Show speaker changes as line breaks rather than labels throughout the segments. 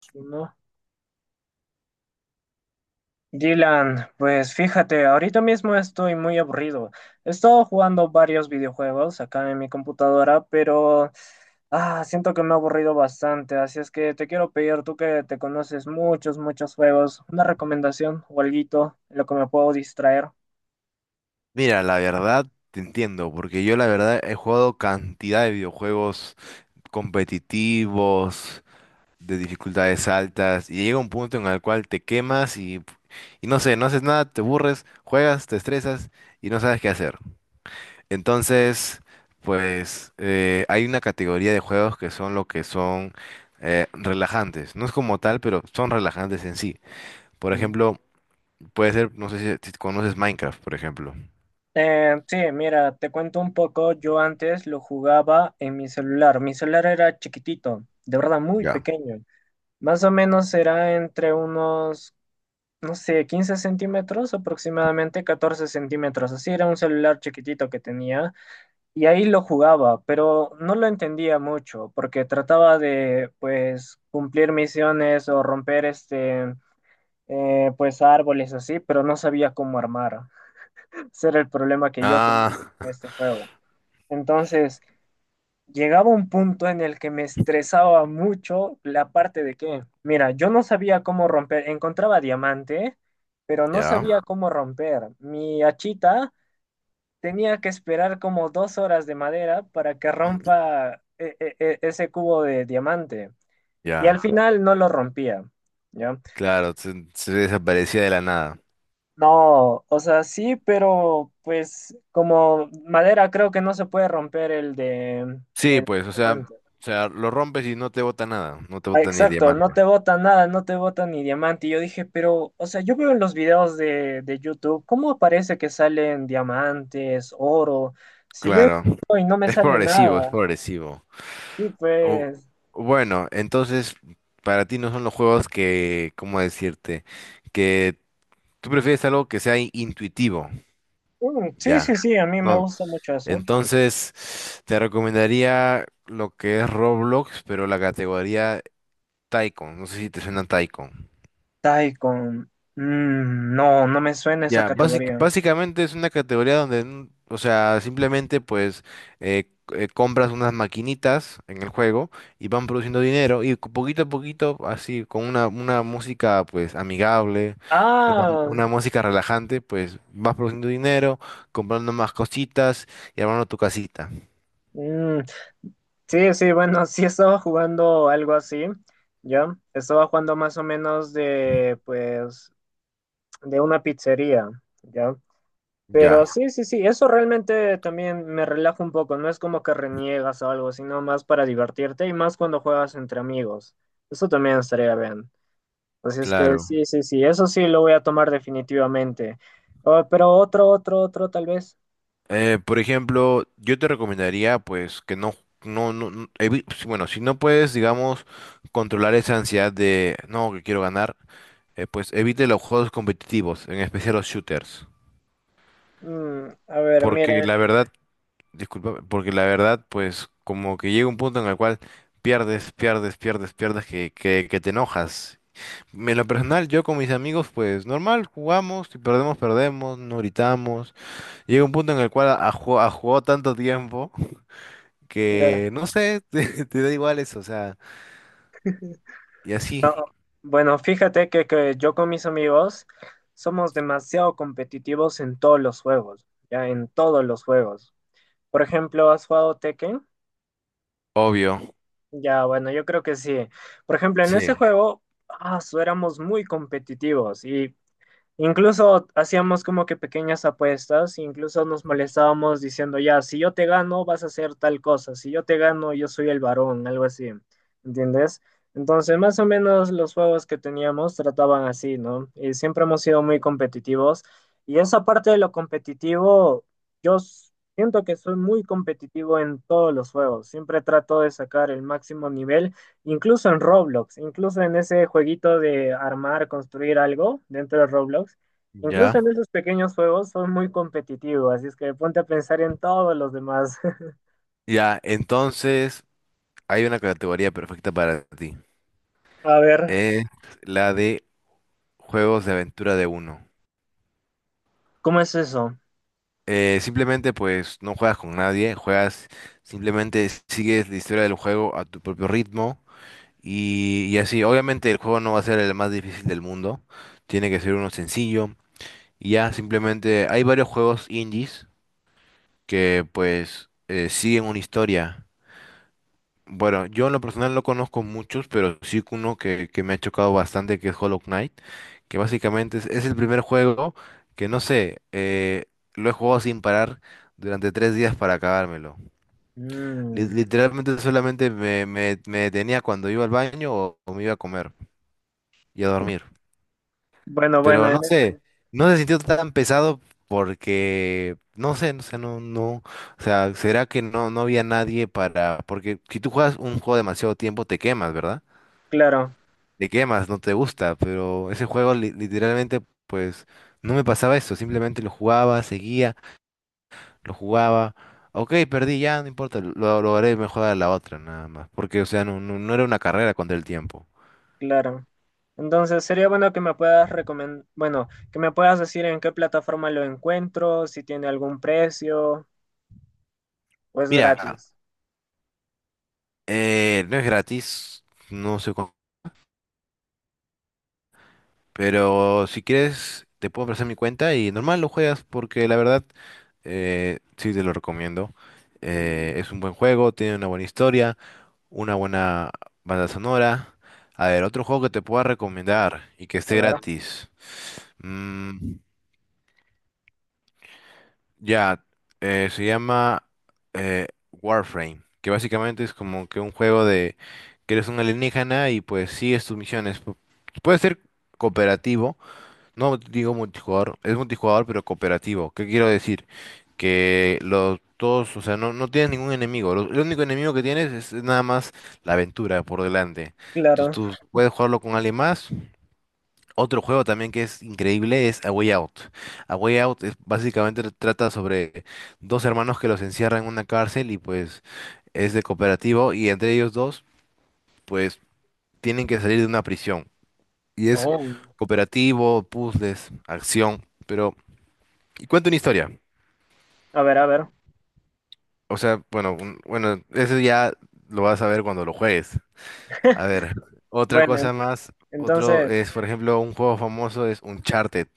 Si No. Dylan, pues fíjate, ahorita mismo estoy muy aburrido. He estado jugando varios videojuegos acá en mi computadora, pero siento que me he aburrido bastante, así es que te quiero pedir, tú que te conoces muchos, muchos juegos, una recomendación o alguito, en lo que me puedo distraer.
Mira, la verdad te entiendo, porque yo la verdad he jugado cantidad de videojuegos competitivos, de dificultades altas, y llega un punto en el cual te quemas y no sé, no haces nada, te aburres, juegas, te estresas y no sabes qué hacer. Entonces, pues hay una categoría de juegos que son lo que son relajantes. No es como tal, pero son relajantes en sí. Por
Ujú.
ejemplo, puede ser, no sé si conoces Minecraft, por ejemplo.
Sí, mira, te cuento un poco, yo antes lo jugaba en mi celular era chiquitito, de verdad muy
Ya.
pequeño, más o menos era entre unos no sé, 15 centímetros, aproximadamente 14 centímetros. Así era un celular chiquitito que tenía y ahí lo jugaba, pero no lo entendía mucho porque trataba de, pues, cumplir misiones o romper este, pues, árboles así, pero no sabía cómo armar. Ese era el problema que yo tuve
Ah.
en este juego. Entonces, llegaba un punto en el que me estresaba mucho la parte de que, mira, yo no sabía cómo romper, encontraba diamante, pero no
Ya,
sabía cómo romper. Mi hachita tenía que esperar como 2 horas de madera para que rompa ese cubo de diamante. Y al
ya,
final no lo rompía. ¿Ya?
claro, se desaparecía de la nada.
No, o sea, sí, pero pues como madera creo que no se puede romper el de
Sí,
el
pues, o
diamante.
sea, lo rompes y no te bota nada, no te
Ah,
bota ni el
exacto, no
diamante.
te botan nada, no te botan ni diamante. Y yo dije, pero, o sea, yo veo en los videos de YouTube, ¿cómo aparece que salen diamantes, oro? Si yo
Claro,
encuentro y no me
es
sale
progresivo, es
nada.
progresivo.
Sí,
O-
pues,
bueno, entonces, para ti no son los juegos que, ¿cómo decirte? Que tú prefieres algo que sea intuitivo,
mm, sí, sí,
ya.
sí, a mí me
No.
gusta mucho eso.
Entonces, te recomendaría lo que es Roblox, pero la categoría Tycoon. No sé si te suena Tycoon.
Taikon, no, no me suena esa
Ya,
categoría.
básicamente es una categoría donde, o sea, simplemente pues compras unas maquinitas en el juego y van produciendo dinero y poquito a poquito, así, con una música pues amigable,
Ah,
una música relajante, pues vas produciendo dinero, comprando más cositas y armando tu casita.
mm, sí, sí, bueno, sí estaba jugando algo así, ¿ya? Estaba jugando más o menos de, pues, de una pizzería. ¿Ya? Pero
Ya,
sí, sí, sí, eso realmente también me relaja un poco, no es como que reniegas o algo, sino más para divertirte y más cuando juegas entre amigos. Eso también estaría bien. Así es que
claro.
sí, sí, sí, eso sí lo voy a tomar definitivamente. Oh, pero otro, otro, otro tal vez.
Por ejemplo, yo te recomendaría pues que bueno, si no puedes, digamos, controlar esa ansiedad de no, que quiero ganar, pues evite los juegos competitivos, en especial los shooters.
Mm, a ver,
Porque
mira,
la verdad, disculpa, porque la verdad, pues como que llega un punto en el cual pierdes, que te enojas. En lo personal, yo con mis amigos, pues normal, jugamos, si perdemos, perdemos, no gritamos. Llega un punto en el cual ha, jugado tanto tiempo.
mira.
Que no sé, te da igual eso, o sea, y así.
Bueno, fíjate que yo con mis amigos somos demasiado competitivos en todos los juegos, ya en todos los juegos. Por ejemplo, ¿has jugado Tekken?
Obvio,
Ya, bueno, yo creo que sí. Por ejemplo, en ese
sí,
juego, éramos muy competitivos y incluso hacíamos como que pequeñas apuestas, incluso nos molestábamos diciendo, ya, si yo te gano, vas a hacer tal cosa, si yo te gano, yo soy el varón, algo así, ¿entiendes? Entonces, más o menos los juegos que teníamos trataban así, ¿no? Y siempre hemos sido muy competitivos. Y esa parte de lo competitivo, yo siento que soy muy competitivo en todos los juegos, siempre trato de sacar el máximo nivel. Incluso en Roblox, incluso en ese jueguito de armar, construir algo dentro de Roblox, incluso
ya,
en esos pequeños juegos son muy competitivos, así es que ponte a pensar en todos los demás.
ya, entonces hay una categoría perfecta para ti.
A ver,
Es la de juegos de aventura de uno.
¿cómo es eso?
Simplemente pues no juegas con nadie, juegas, simplemente sigues la historia del juego a tu propio ritmo y así. Obviamente el juego no va a ser el más difícil del mundo, tiene que ser uno sencillo y ya, simplemente hay varios juegos indies que pues siguen una historia. Bueno, yo en lo personal no conozco muchos, pero sí uno que me ha chocado bastante, que es Hollow Knight, que básicamente es el primer juego que no sé, lo he jugado sin parar durante tres días para acabármelo.
Mm,
Literalmente solamente me detenía cuando iba al baño o me iba a comer y a dormir.
bueno, bueno,
Pero no sé, no se sintió tan pesado porque, no sé, no sé, no, no, o sea, ¿será que no, no había nadie para, porque si tú juegas un juego demasiado tiempo te quemas, ¿verdad?
claro,
Te quemas, no te gusta, pero ese juego literalmente, pues, no me pasaba eso, simplemente lo jugaba, seguía, lo jugaba, ok, perdí, ya, no importa, lo haré mejor a la otra, nada más, porque, o sea, no era una carrera contra el tiempo.
claro. Entonces, sería bueno que me puedas recomendar, bueno, que me puedas decir en qué plataforma lo encuentro, si tiene algún precio o es
Mira,
gratis.
no es gratis, no sé. Pero si quieres, te puedo ofrecer mi cuenta y normal lo juegas porque la verdad sí te lo recomiendo.
Mm,
Es un buen juego, tiene una buena historia, una buena banda sonora. A ver, otro juego que te pueda recomendar y que
a
esté
ver,
gratis. Mm, ya, se llama Warframe, que básicamente es como que un juego de que eres un alienígena y pues sigues tus misiones. Puede ser cooperativo. No digo multijugador, es multijugador pero cooperativo. ¿Qué quiero decir? Que los todos, o sea, no tienes ningún enemigo. El único enemigo que tienes es nada más la aventura por delante.
claro.
Tú puedes jugarlo con alguien más. Otro juego también que es increíble es A Way Out. A Way Out es, básicamente trata sobre dos hermanos que los encierran en una cárcel y pues es de cooperativo y entre ellos dos pues tienen que salir de una prisión. Y es
Oh,
cooperativo, puzzles, acción, pero... Y cuenta una historia.
a ver, a ver.
O sea, bueno, bueno, eso ya lo vas a ver cuando lo juegues. A ver, otra
Bueno,
cosa más, otro
entonces,
es, por ejemplo, un juego famoso es Uncharted.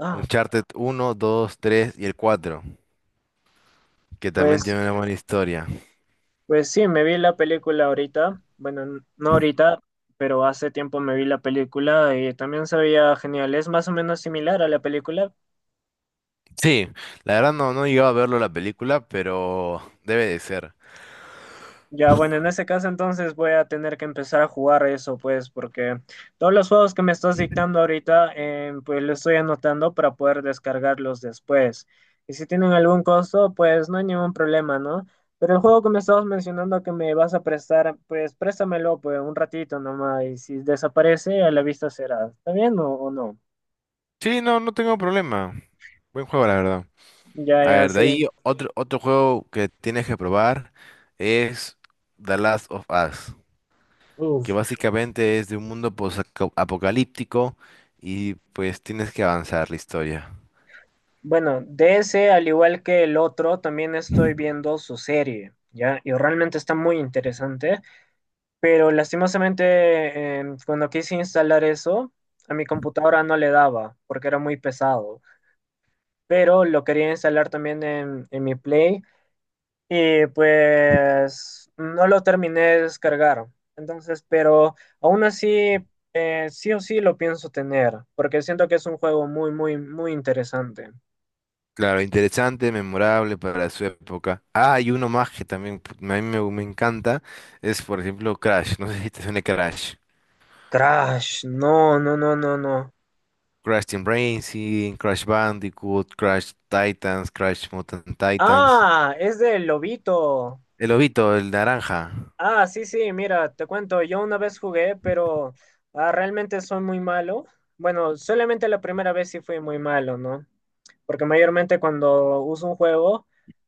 ah,
Uncharted uno, 2, 3 y el 4, que también
pues,
tiene una buena historia.
pues sí, me vi la película ahorita. Bueno, no ahorita, pero hace tiempo me vi la película y también se veía genial. Es más o menos similar a la película.
Sí, la verdad no, no he llegado a verlo la película, pero debe de ser.
Ya, bueno, en ese caso entonces voy a tener que empezar a jugar eso, pues, porque todos los juegos que me estás dictando ahorita, pues los estoy anotando para poder descargarlos después. Y si tienen algún costo, pues no hay ningún problema, ¿no? Pero el juego que me estabas mencionando que me vas a prestar, pues préstamelo, pues, un ratito nomás, y si desaparece, a la vista será. ¿Está bien o no?
Sí, no, no tengo problema. Buen juego, la verdad.
Ya,
A
ya,
ver, de
sí.
ahí otro, otro juego que tienes que probar es The Last of Us. Que
Uf.
básicamente es de un mundo apocalíptico y pues tienes que avanzar la historia.
Bueno, de ese, al igual que el otro, también estoy viendo su serie, ¿ya? Y realmente está muy interesante, pero lastimosamente cuando quise instalar eso, a mi computadora no le daba porque era muy pesado, pero lo quería instalar también en mi Play y pues no lo terminé de descargar. Entonces, pero aún así, sí o sí lo pienso tener, porque siento que es un juego muy, muy, muy interesante.
Claro, interesante, memorable para su época. Ah, hay uno más que también a mí me encanta es, por ejemplo, Crash. No sé si te suena Crash.
Crash, no, no, no, no, no.
Crash Team Racing, Crash Bandicoot, Crash Titans, Crash Mutant Titans.
Ah, es del Lobito.
El lobito, el naranja.
Ah, sí, sí, mira, te cuento, yo una vez jugué, pero realmente soy muy malo. Bueno, solamente la primera vez sí fui muy malo, ¿no? Porque mayormente cuando uso un juego,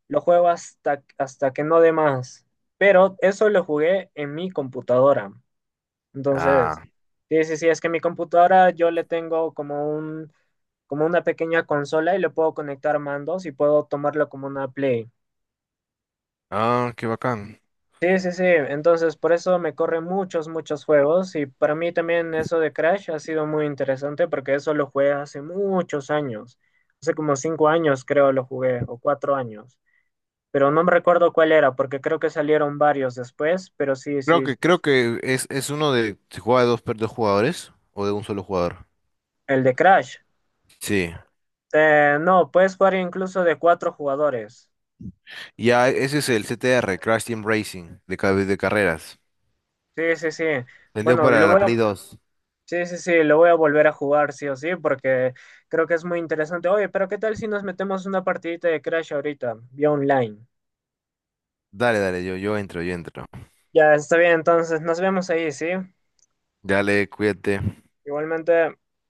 lo juego hasta que no dé más. Pero eso lo jugué en mi computadora. Entonces,
Ah,
sí, sí, sí, es que mi computadora yo le tengo como una pequeña consola y le puedo conectar mandos y puedo tomarlo como una Play.
ah, qué bacán.
Sí, sí, sí. Entonces, por eso me corre muchos, muchos juegos. Y para mí también eso de Crash ha sido muy interesante porque eso lo jugué hace muchos años. Hace como 5 años creo lo jugué, o 4 años. Pero no me recuerdo cuál era porque creo que salieron varios después. Pero sí, sí,
Creo que es uno de... ¿Se juega de dos, dos jugadores o de un solo jugador?
el de Crash.
Sí.
No, puedes jugar incluso de 4 jugadores.
Ya, ese es el CTR, Crash Team Racing, de, de carreras.
Sí, sí, sí.
Vendió
Bueno,
para la Play
luego.
2.
Sí, sí, sí, lo voy a volver a jugar, sí o sí, porque creo que es muy interesante. Oye, pero ¿qué tal si nos metemos una partidita de Crash ahorita, vía online?
Dale, dale, yo entro, yo entro.
Ya, está bien, entonces nos vemos ahí, ¿sí?
Dale, cuídate.
Igualmente.